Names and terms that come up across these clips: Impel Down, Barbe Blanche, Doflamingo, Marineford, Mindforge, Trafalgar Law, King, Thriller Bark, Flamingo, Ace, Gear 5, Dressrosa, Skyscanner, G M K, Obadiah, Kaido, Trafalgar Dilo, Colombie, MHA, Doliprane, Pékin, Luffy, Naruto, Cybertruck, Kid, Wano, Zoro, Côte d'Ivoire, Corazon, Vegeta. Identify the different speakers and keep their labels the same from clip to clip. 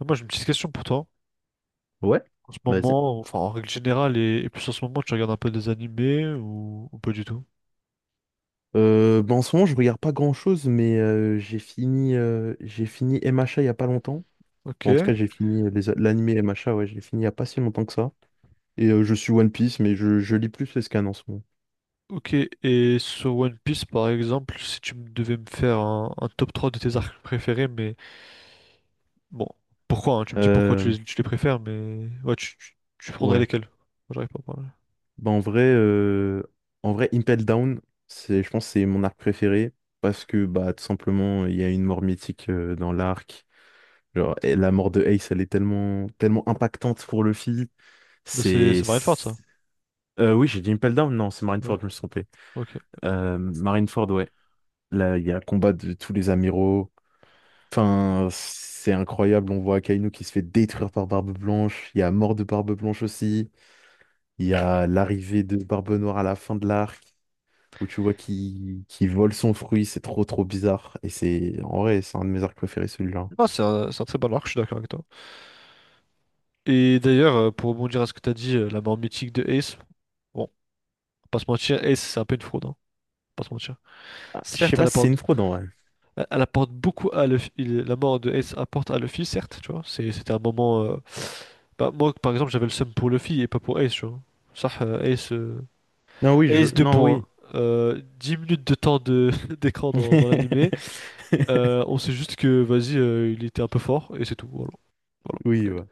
Speaker 1: Ah, moi, j'ai une petite question pour toi.
Speaker 2: Ouais,
Speaker 1: En ce
Speaker 2: vas-y.
Speaker 1: moment, enfin en règle générale, et plus en ce moment, tu regardes un peu des animés ou pas du tout?
Speaker 2: Ben, en ce moment, je regarde pas grand-chose, mais j'ai fini MHA il y a pas longtemps.
Speaker 1: Ok.
Speaker 2: Bon, en tout cas, j'ai fini l'anime MHA, ouais, je l'ai fini il y a pas si longtemps que ça. Et je suis One Piece, mais je lis plus les scans en ce moment.
Speaker 1: Ok, et sur One Piece, par exemple, si tu me devais me faire un top 3 de tes arcs préférés, mais bon, pourquoi, hein, tu me dis pourquoi tu
Speaker 2: Euh,
Speaker 1: les, tu les préfères, mais ouais, tu prendrais
Speaker 2: ouais.
Speaker 1: lesquels? Moi, j'arrive pas à parler.
Speaker 2: Ben, en vrai, Impel Down, je pense que c'est mon arc préféré parce que bah, tout simplement, il y a une mort mythique dans l'arc. Genre, et la mort de Ace, elle est tellement, tellement impactante pour Luffy.
Speaker 1: Mais c'est
Speaker 2: C'est.
Speaker 1: c'est Marineford, ça?
Speaker 2: Oui, j'ai dit Impel Down, non, c'est
Speaker 1: Ouais,
Speaker 2: Marineford, je me suis trompé.
Speaker 1: ok.
Speaker 2: Marineford, ouais. Là, il y a le combat de tous les amiraux. Enfin, c'est incroyable, on voit Akainu qui se fait détruire par Barbe Blanche. Il y a mort de Barbe Blanche aussi. Il y a l'arrivée de Barbe Noire à la fin de l'arc, où tu vois qui vole son fruit, c'est trop trop bizarre. Et c'est, en vrai, c'est un de mes arcs préférés, celui-là.
Speaker 1: Ah, c'est un très bon arc, je suis d'accord avec toi. Et d'ailleurs, pour rebondir à ce que t'as dit, la mort mythique de Ace, bon, pas se mentir, Ace, c'est un peu une fraude, hein, pas se mentir.
Speaker 2: Ah, je sais
Speaker 1: Certes, elle
Speaker 2: pas si c'est une
Speaker 1: apporte,
Speaker 2: fraude, en vrai.
Speaker 1: elle apporte beaucoup à l'office. La mort de Ace apporte à Luffy, certes, tu vois. C'était un moment. Bah, moi, par exemple, j'avais le seum pour Luffy et pas pour Ace, tu vois. Ça, Ace,
Speaker 2: Non, oui, je veux...
Speaker 1: Ace 2
Speaker 2: Non,
Speaker 1: points.
Speaker 2: oui.
Speaker 1: 10 minutes de temps de d'écran dans l'animé. On sait juste que, vas-y, il était un peu fort et c'est tout. Voilà. Voilà.
Speaker 2: Oui, ouais.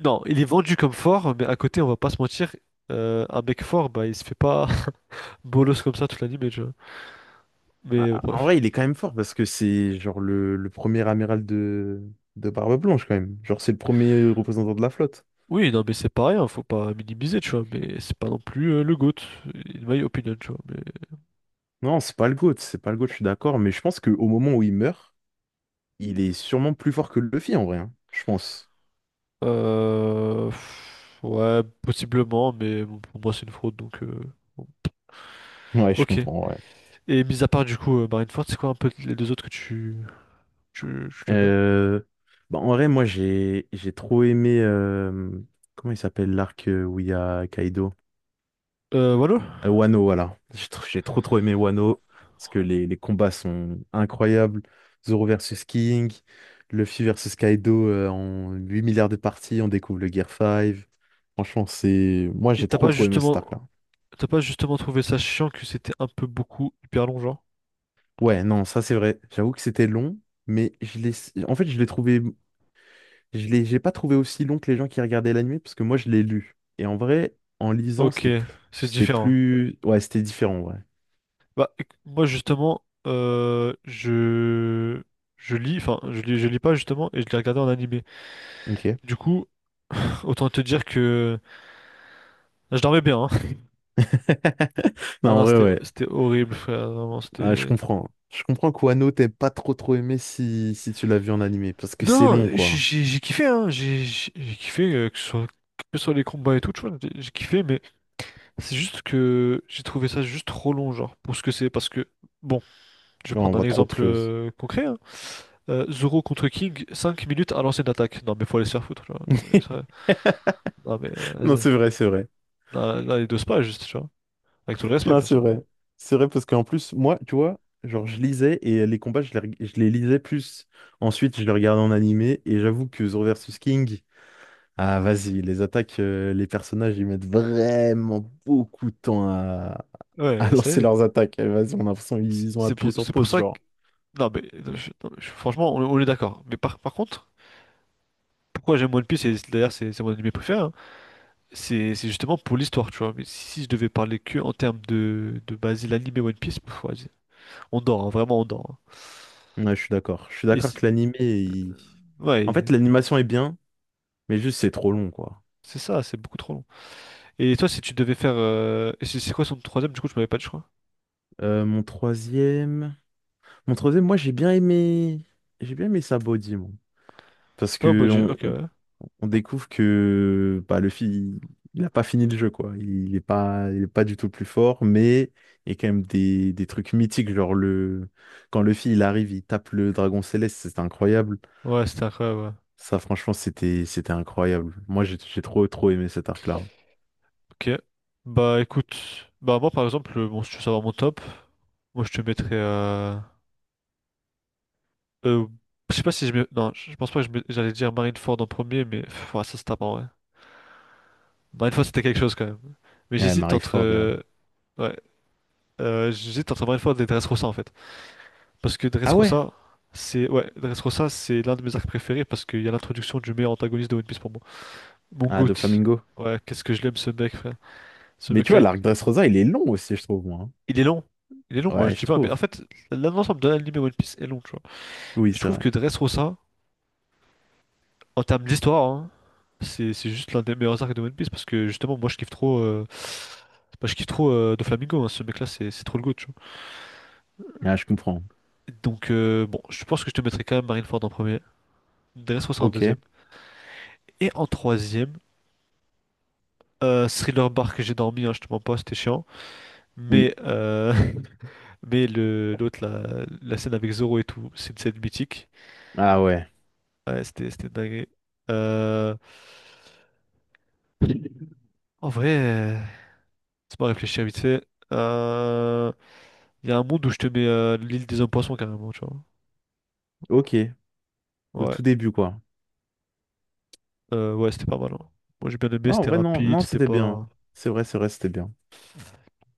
Speaker 1: Non, il est vendu comme fort, mais à côté, on va pas se mentir, un mec fort, bah, il se fait pas bolos comme ça toute l'animé, tu vois. Mais
Speaker 2: Ah, ah, en
Speaker 1: bref.
Speaker 2: vrai, il est quand même fort parce que c'est genre le premier amiral de Barbe Blanche quand même. Genre, c'est le premier représentant de la flotte.
Speaker 1: Oui, non, mais c'est pas rien, faut pas minimiser, tu vois, mais c'est pas non plus le GOAT, in my opinion, tu vois, mais...
Speaker 2: Non, c'est pas le GOAT, c'est pas le GOAT, je suis d'accord, mais je pense qu'au moment où il meurt, il est sûrement plus fort que Luffy en vrai, hein, je pense.
Speaker 1: Ouais, possiblement, mais bon, pour moi, c'est une fraude, donc... bon.
Speaker 2: Ouais, je
Speaker 1: Ok,
Speaker 2: comprends, ouais.
Speaker 1: et mis à part, du coup, Marineford, c'est quoi un peu les deux autres que tu... tu aimes bien?
Speaker 2: Euh, Bah, en vrai, moi j'ai trop aimé. Comment il s'appelle l'arc où il y a Kaido?
Speaker 1: Wano?
Speaker 2: Wano, voilà. J'ai trop trop aimé Wano, parce que les combats sont incroyables. Zoro versus King, Luffy versus Kaido en 8 milliards de parties, on découvre le Gear 5. Franchement, Moi,
Speaker 1: Et
Speaker 2: j'ai
Speaker 1: t'as
Speaker 2: trop
Speaker 1: pas
Speaker 2: trop aimé cet
Speaker 1: justement...
Speaker 2: arc-là.
Speaker 1: T'as pas justement trouvé ça chiant que c'était un peu beaucoup, hyper long, genre?
Speaker 2: Ouais, non, ça c'est vrai. J'avoue que c'était long, mais En fait, J'ai pas trouvé aussi long que les gens qui regardaient l'anime, parce que moi, je l'ai lu. Et en vrai, en lisant,
Speaker 1: Ok, c'est différent.
Speaker 2: Ouais, c'était différent, ouais.
Speaker 1: Bah, moi justement, je lis, enfin je lis pas justement et je l'ai regardé en animé.
Speaker 2: Ok.
Speaker 1: Du coup, autant te dire que je dormais bien, hein.
Speaker 2: Non,
Speaker 1: Ah
Speaker 2: en
Speaker 1: non,
Speaker 2: vrai,
Speaker 1: c'était
Speaker 2: ouais.
Speaker 1: c'était horrible, frère. Vraiment,
Speaker 2: Ah, je
Speaker 1: c'était.
Speaker 2: comprends. Je comprends qu'Wano t'aies pas trop trop aimé si tu l'as vu en animé, parce que c'est
Speaker 1: Non,
Speaker 2: long, quoi.
Speaker 1: j'ai kiffé, hein. J'ai kiffé que ce soit les combats et tout, tu vois. J'ai kiffé, mais c'est juste que j'ai trouvé ça juste trop long, genre pour ce que c'est, parce que bon, je vais
Speaker 2: Là, on
Speaker 1: prendre un
Speaker 2: voit trop de
Speaker 1: exemple
Speaker 2: choses.
Speaker 1: concret, hein. Zoro contre King, 5 minutes à lancer une attaque. Non, mais faut aller se faire foutre, tu vois. Non, mais ça. Non, mais
Speaker 2: Non,
Speaker 1: vas-y.
Speaker 2: c'est vrai, c'est vrai.
Speaker 1: Non, non, il dose pas, juste, tu vois. Avec tout le respect,
Speaker 2: Non,
Speaker 1: bien
Speaker 2: c'est
Speaker 1: sûr.
Speaker 2: vrai. C'est vrai parce qu'en plus, moi, tu vois, genre, je lisais et les combats, je les lisais plus. Ensuite, je les regardais en animé et j'avoue que Zoro versus King, ah, vas-y, les attaques, les personnages, ils mettent vraiment beaucoup de temps à
Speaker 1: Ouais, ça y
Speaker 2: lancer
Speaker 1: est.
Speaker 2: leurs attaques. Eh, vas-y, on a l'impression qu'ils ont appuyé sur
Speaker 1: C'est pour
Speaker 2: pause,
Speaker 1: ça
Speaker 2: genre.
Speaker 1: que. Non, mais non, non, franchement, on est d'accord. Mais par contre, pourquoi j'aime One Piece, et d'ailleurs, c'est mon anime préféré, hein, c'est justement pour l'histoire, tu vois. Mais si, si je devais parler que en termes de base, l'anime et One Piece, pff, vas-y. On dort, hein, vraiment, on dort, hein.
Speaker 2: Ouais, je suis d'accord. Je suis
Speaker 1: Et
Speaker 2: d'accord
Speaker 1: c'est-
Speaker 2: que l'animé, en
Speaker 1: ouais.
Speaker 2: fait, l'animation est bien, mais juste c'est trop long, quoi.
Speaker 1: C'est ça, c'est beaucoup trop long. Et toi, si tu devais faire. C'est quoi son troisième, du coup, tu m'avais pas dit, je crois.
Speaker 2: Mon troisième, moi j'ai bien aimé, Sabody, moi, parce
Speaker 1: Ah,
Speaker 2: que
Speaker 1: Obadiah, ok,
Speaker 2: on,
Speaker 1: ouais.
Speaker 2: on découvre que bah, le fil, il n'a pas fini le jeu, quoi. Il est pas du tout le plus fort, mais il y a quand même des trucs mythiques, quand le fil il arrive, il tape le dragon céleste, c'est incroyable.
Speaker 1: Ouais, c'était incroyable, ouais.
Speaker 2: Ça, franchement, c'était incroyable. Moi, j'ai trop trop aimé cet arc-là.
Speaker 1: Ok. Bah, écoute. Bah, moi, par exemple, bon, si tu veux savoir mon top, moi, je te mettrais. Euh, je sais pas si je mets. Non, je pense pas que j'allais dire Marineford en premier, mais. Pff, ouais, ça, c'est tapant, ouais. Marineford, c'était quelque chose quand même. Mais
Speaker 2: Ouais,
Speaker 1: j'hésite
Speaker 2: Marie
Speaker 1: entre.
Speaker 2: Ford.
Speaker 1: Ouais. J'hésite entre Marineford et Dressrosa, en fait. Parce que
Speaker 2: Ah ouais,
Speaker 1: Dressrosa, c'est. Ouais, Dressrosa, c'est l'un de mes arcs préférés parce qu'il y a l'introduction du meilleur antagoniste de One Piece pour moi. Mon
Speaker 2: ah, de
Speaker 1: goutte.
Speaker 2: Flamingo.
Speaker 1: Ouais, qu'est-ce que je l'aime ce mec, frère. Ce
Speaker 2: Mais tu vois,
Speaker 1: mec-là,
Speaker 2: l'arc Dressrosa, il est long aussi, je trouve, moi.
Speaker 1: il est long. Il est
Speaker 2: Hein.
Speaker 1: long, hein,
Speaker 2: Ouais,
Speaker 1: je dis
Speaker 2: je
Speaker 1: pas, mais en
Speaker 2: trouve.
Speaker 1: fait, l'ensemble de l'anime One Piece est long, tu vois.
Speaker 2: Oui,
Speaker 1: Mais je
Speaker 2: c'est
Speaker 1: trouve
Speaker 2: vrai.
Speaker 1: que Dressrosa, en termes d'histoire, hein, c'est juste l'un des meilleurs arcs de One Piece parce que justement, moi je kiffe trop. Bah, je kiffe trop Doflamingo, hein, ce mec-là, c'est trop le goût, tu vois.
Speaker 2: Ah, je comprends.
Speaker 1: Donc, bon, je pense que je te mettrai quand même Marineford en premier, Dressrosa en deuxième,
Speaker 2: Ok.
Speaker 1: et en troisième, Thriller Bark que j'ai dormi, hein, je te mens pas, c'était chiant.
Speaker 2: Oui.
Speaker 1: Mais mais le l'autre, la scène avec Zoro et tout, c'est une scène mythique.
Speaker 2: Ah ouais.
Speaker 1: Ouais, c'était dingue. Euh... En vrai, c'est pas réfléchir vite fait. Euh... Il y a un monde où je te mets l'île des hommes-poissons carrément, tu vois.
Speaker 2: Ok. Au
Speaker 1: Ouais,
Speaker 2: tout début, quoi.
Speaker 1: Ouais, c'était pas mal, hein. Moi j'ai bien aimé,
Speaker 2: Ah, en
Speaker 1: c'était
Speaker 2: vrai, non,
Speaker 1: rapide,
Speaker 2: non,
Speaker 1: c'était
Speaker 2: c'était bien.
Speaker 1: pas.
Speaker 2: C'est vrai, c'était bien.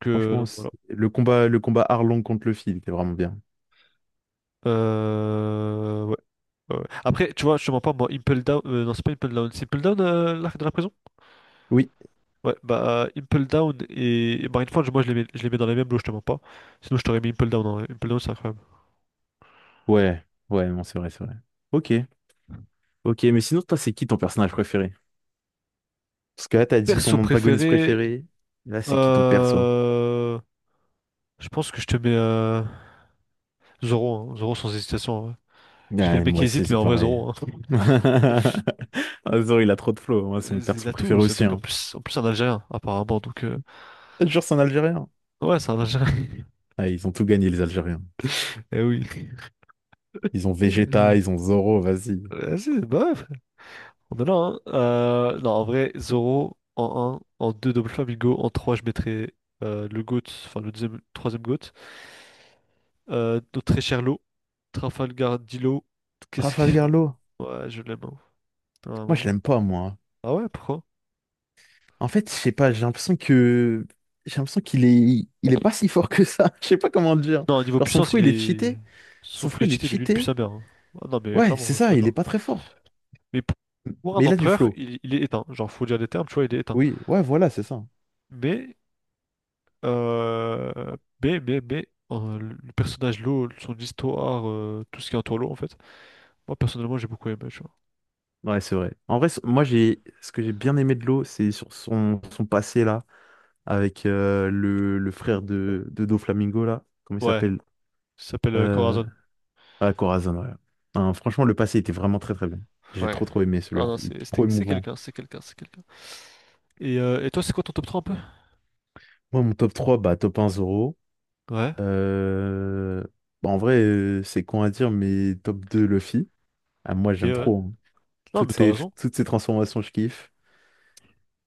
Speaker 1: Que... Donc
Speaker 2: Franchement,
Speaker 1: voilà.
Speaker 2: le combat Arlong contre Luffy, il était vraiment bien.
Speaker 1: Ouais. Ouais, ouais. Après, tu vois, je te mens pas, moi, Impel Down. Non, c'est pas Impel Down. C'est Impel Down, l'arc de la prison?
Speaker 2: Oui,
Speaker 1: Ouais, bah Impel Down et Mindforge, moi je les mets dans les mêmes lots, je te mens pas. Sinon je t'aurais mis Impel Down, hein. Impel Down c'est incroyable.
Speaker 2: ouais, ouais, non, c'est vrai, c'est vrai. Ok, ok, mais sinon, toi, c'est qui ton personnage préféré? Parce que là, t'as dit
Speaker 1: Perso
Speaker 2: ton antagoniste
Speaker 1: préféré,
Speaker 2: préféré. Là, c'est qui ton perso?
Speaker 1: euh, je pense que je te mets Zoro, hein. Zoro sans hésitation, hein. J'ai fait le
Speaker 2: Ouais,
Speaker 1: mec
Speaker 2: moi
Speaker 1: qui
Speaker 2: aussi,
Speaker 1: hésite, mais
Speaker 2: c'est
Speaker 1: en vrai
Speaker 2: pareil.
Speaker 1: Zoro, hein.
Speaker 2: Ah, Zoro, il a trop de flow. Moi, c'est mon
Speaker 1: Il
Speaker 2: perso
Speaker 1: a
Speaker 2: préféré
Speaker 1: tout ce
Speaker 2: aussi.
Speaker 1: mec,
Speaker 2: Hein.
Speaker 1: en plus c'est un Algérien apparemment, donc
Speaker 2: Je te jure, c'est un Algérien.
Speaker 1: ouais c'est un Algérien.
Speaker 2: Ah, ils ont tout gagné, les Algériens.
Speaker 1: Eh oui.
Speaker 2: Ils ont Vegeta, ils ont Zoro, vas-y.
Speaker 1: Vas-y, bah ouais, on en a un. Non, en vrai, Zoro en un en 2 Double Flamingo, en 3 je mettrais le GOAT, enfin le deuxième, troisième GOAT. Notre très cher Law, Trafalgar Dilo, qu'est-ce que...
Speaker 2: Trafalgar Law.
Speaker 1: Ouais, je l'aime, hein,
Speaker 2: Moi, je
Speaker 1: vraiment.
Speaker 2: l'aime pas, moi.
Speaker 1: Ah ouais, pourquoi?
Speaker 2: En fait, je sais pas, j'ai l'impression qu'il est pas si fort que ça. Je sais pas comment dire.
Speaker 1: Non, au niveau
Speaker 2: Genre son
Speaker 1: puissance,
Speaker 2: fruit,
Speaker 1: il
Speaker 2: il est
Speaker 1: est...
Speaker 2: cheaté.
Speaker 1: Son
Speaker 2: Son
Speaker 1: full
Speaker 2: fruit, il est
Speaker 1: cheaté, mais lui depuis
Speaker 2: cheaté.
Speaker 1: sa mère, hein. Ah non, mais
Speaker 2: Ouais,
Speaker 1: clairement,
Speaker 2: c'est
Speaker 1: hein, je suis
Speaker 2: ça, il est
Speaker 1: d'accord.
Speaker 2: pas très fort.
Speaker 1: Mais pour un
Speaker 2: Mais il a du
Speaker 1: empereur,
Speaker 2: flow.
Speaker 1: il est éteint. Genre, faut dire les termes, tu vois, il est éteint.
Speaker 2: Oui, ouais, voilà, c'est ça.
Speaker 1: Mais Euh, mais, mais, mais, le personnage, l'eau, son histoire, tout ce qui entoure l'eau, en fait. Moi, personnellement, j'ai beaucoup aimé, tu vois.
Speaker 2: Ouais, c'est vrai. En vrai, moi j'ai ce que j'ai bien aimé de l'eau, c'est sur son passé là avec le frère de Doflamingo là, comment il
Speaker 1: Ouais,
Speaker 2: s'appelle?
Speaker 1: il s'appelle
Speaker 2: Euh...
Speaker 1: Corazon.
Speaker 2: Ah, Corazon, ouais. Hein, franchement, le passé était vraiment très très bien. J'ai
Speaker 1: Ouais.
Speaker 2: trop trop aimé
Speaker 1: Ah
Speaker 2: celui-là.
Speaker 1: non,
Speaker 2: Il est trop
Speaker 1: c'est
Speaker 2: émouvant.
Speaker 1: quelqu'un, c'est quelqu'un, c'est quelqu'un. Et toi, c'est quoi ton top 3 un peu?
Speaker 2: Moi, mon top 3, bah top un Zoro.
Speaker 1: Ouais,
Speaker 2: Euh, Bah, en vrai, c'est con à dire, mais top 2 Luffy. Ah, moi,
Speaker 1: ok,
Speaker 2: j'aime
Speaker 1: ouais.
Speaker 2: trop. Hein.
Speaker 1: Non,
Speaker 2: Toutes
Speaker 1: mais t'as
Speaker 2: ces,
Speaker 1: raison.
Speaker 2: toutes ces transformations, je kiffe.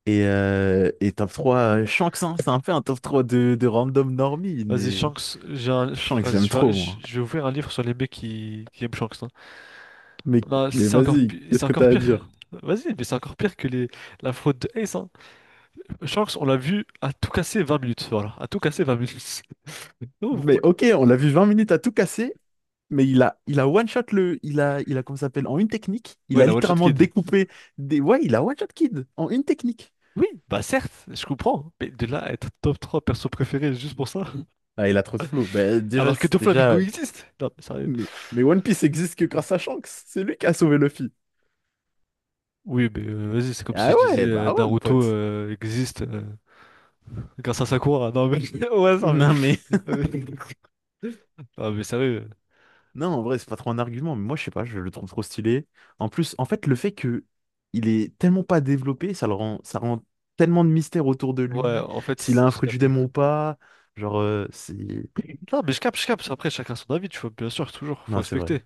Speaker 2: Et top 3 Shanks, hein, c'est un peu un top 3 de random normie,
Speaker 1: Vas-y,
Speaker 2: mais
Speaker 1: Shanks, j'ai un...
Speaker 2: Shanks,
Speaker 1: Vas-y,
Speaker 2: j'aime trop, moi.
Speaker 1: je vais ouvrir un livre sur les mecs qui aiment Shanks, hein.
Speaker 2: Mais,
Speaker 1: Non, si
Speaker 2: mais
Speaker 1: c'est encore,
Speaker 2: vas-y,
Speaker 1: si c'est
Speaker 2: qu'est-ce que
Speaker 1: encore
Speaker 2: t'as à
Speaker 1: pire.
Speaker 2: dire?
Speaker 1: Vas-y, mais c'est encore pire que les... la faute de Ace, hein. Shanks, on l'a vu à tout casser 20 minutes, voilà, à tout casser 20 minutes. Non,
Speaker 2: Mais
Speaker 1: vous-
Speaker 2: ok, on l'a vu 20 minutes à tout casser, mais il a one-shot le. Il a, comment ça s'appelle, en une technique. Il
Speaker 1: Ouais,
Speaker 2: a
Speaker 1: la One Shot
Speaker 2: littéralement
Speaker 1: Kid.
Speaker 2: découpé des. Ouais, il a one-shot Kid en une technique.
Speaker 1: Oui, bah certes, je comprends, hein. Mais de là à être top 3 perso préféré juste pour ça,
Speaker 2: Ah, il a trop de flow. Bah, déjà,
Speaker 1: alors que Doflamingo
Speaker 2: déjà,
Speaker 1: existe. Non, mais sérieux.
Speaker 2: Mais One Piece existe que grâce à Shanks. C'est lui qui a sauvé Luffy.
Speaker 1: Oui, mais vas-y, c'est comme si
Speaker 2: Ah
Speaker 1: je disais
Speaker 2: ouais, bah ouais, mon
Speaker 1: Naruto
Speaker 2: pote.
Speaker 1: existe grâce à Sakura. Non, mais ouais, ça, mais...
Speaker 2: Non, mais.
Speaker 1: Non, mais sérieux.
Speaker 2: Non, en vrai, c'est pas trop un argument, mais moi, je sais pas, je le trouve trop stylé. En plus, en fait, le fait que il est tellement pas développé, ça rend tellement de mystère autour de
Speaker 1: Ouais,
Speaker 2: lui,
Speaker 1: en
Speaker 2: s'il
Speaker 1: fait,
Speaker 2: a un
Speaker 1: j'ai
Speaker 2: fruit du
Speaker 1: capté.
Speaker 2: démon ou pas. Genre, c'est.
Speaker 1: Non, mais je capte, je capte. Après, chacun son avis, tu vois, bien sûr, toujours, faut
Speaker 2: Non, c'est vrai,
Speaker 1: respecter.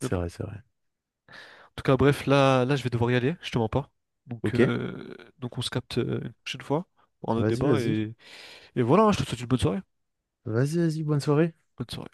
Speaker 1: Mais bon.
Speaker 2: vrai, c'est vrai.
Speaker 1: Tout cas, bref, là, là, je vais devoir y aller, je te mens pas.
Speaker 2: Ok,
Speaker 1: Donc on se capte une prochaine fois pour un autre
Speaker 2: vas-y,
Speaker 1: débat.
Speaker 2: vas-y.
Speaker 1: Et voilà, hein, je te souhaite une bonne soirée.
Speaker 2: Vas-y, vas-y, bonne soirée.
Speaker 1: Bonne soirée.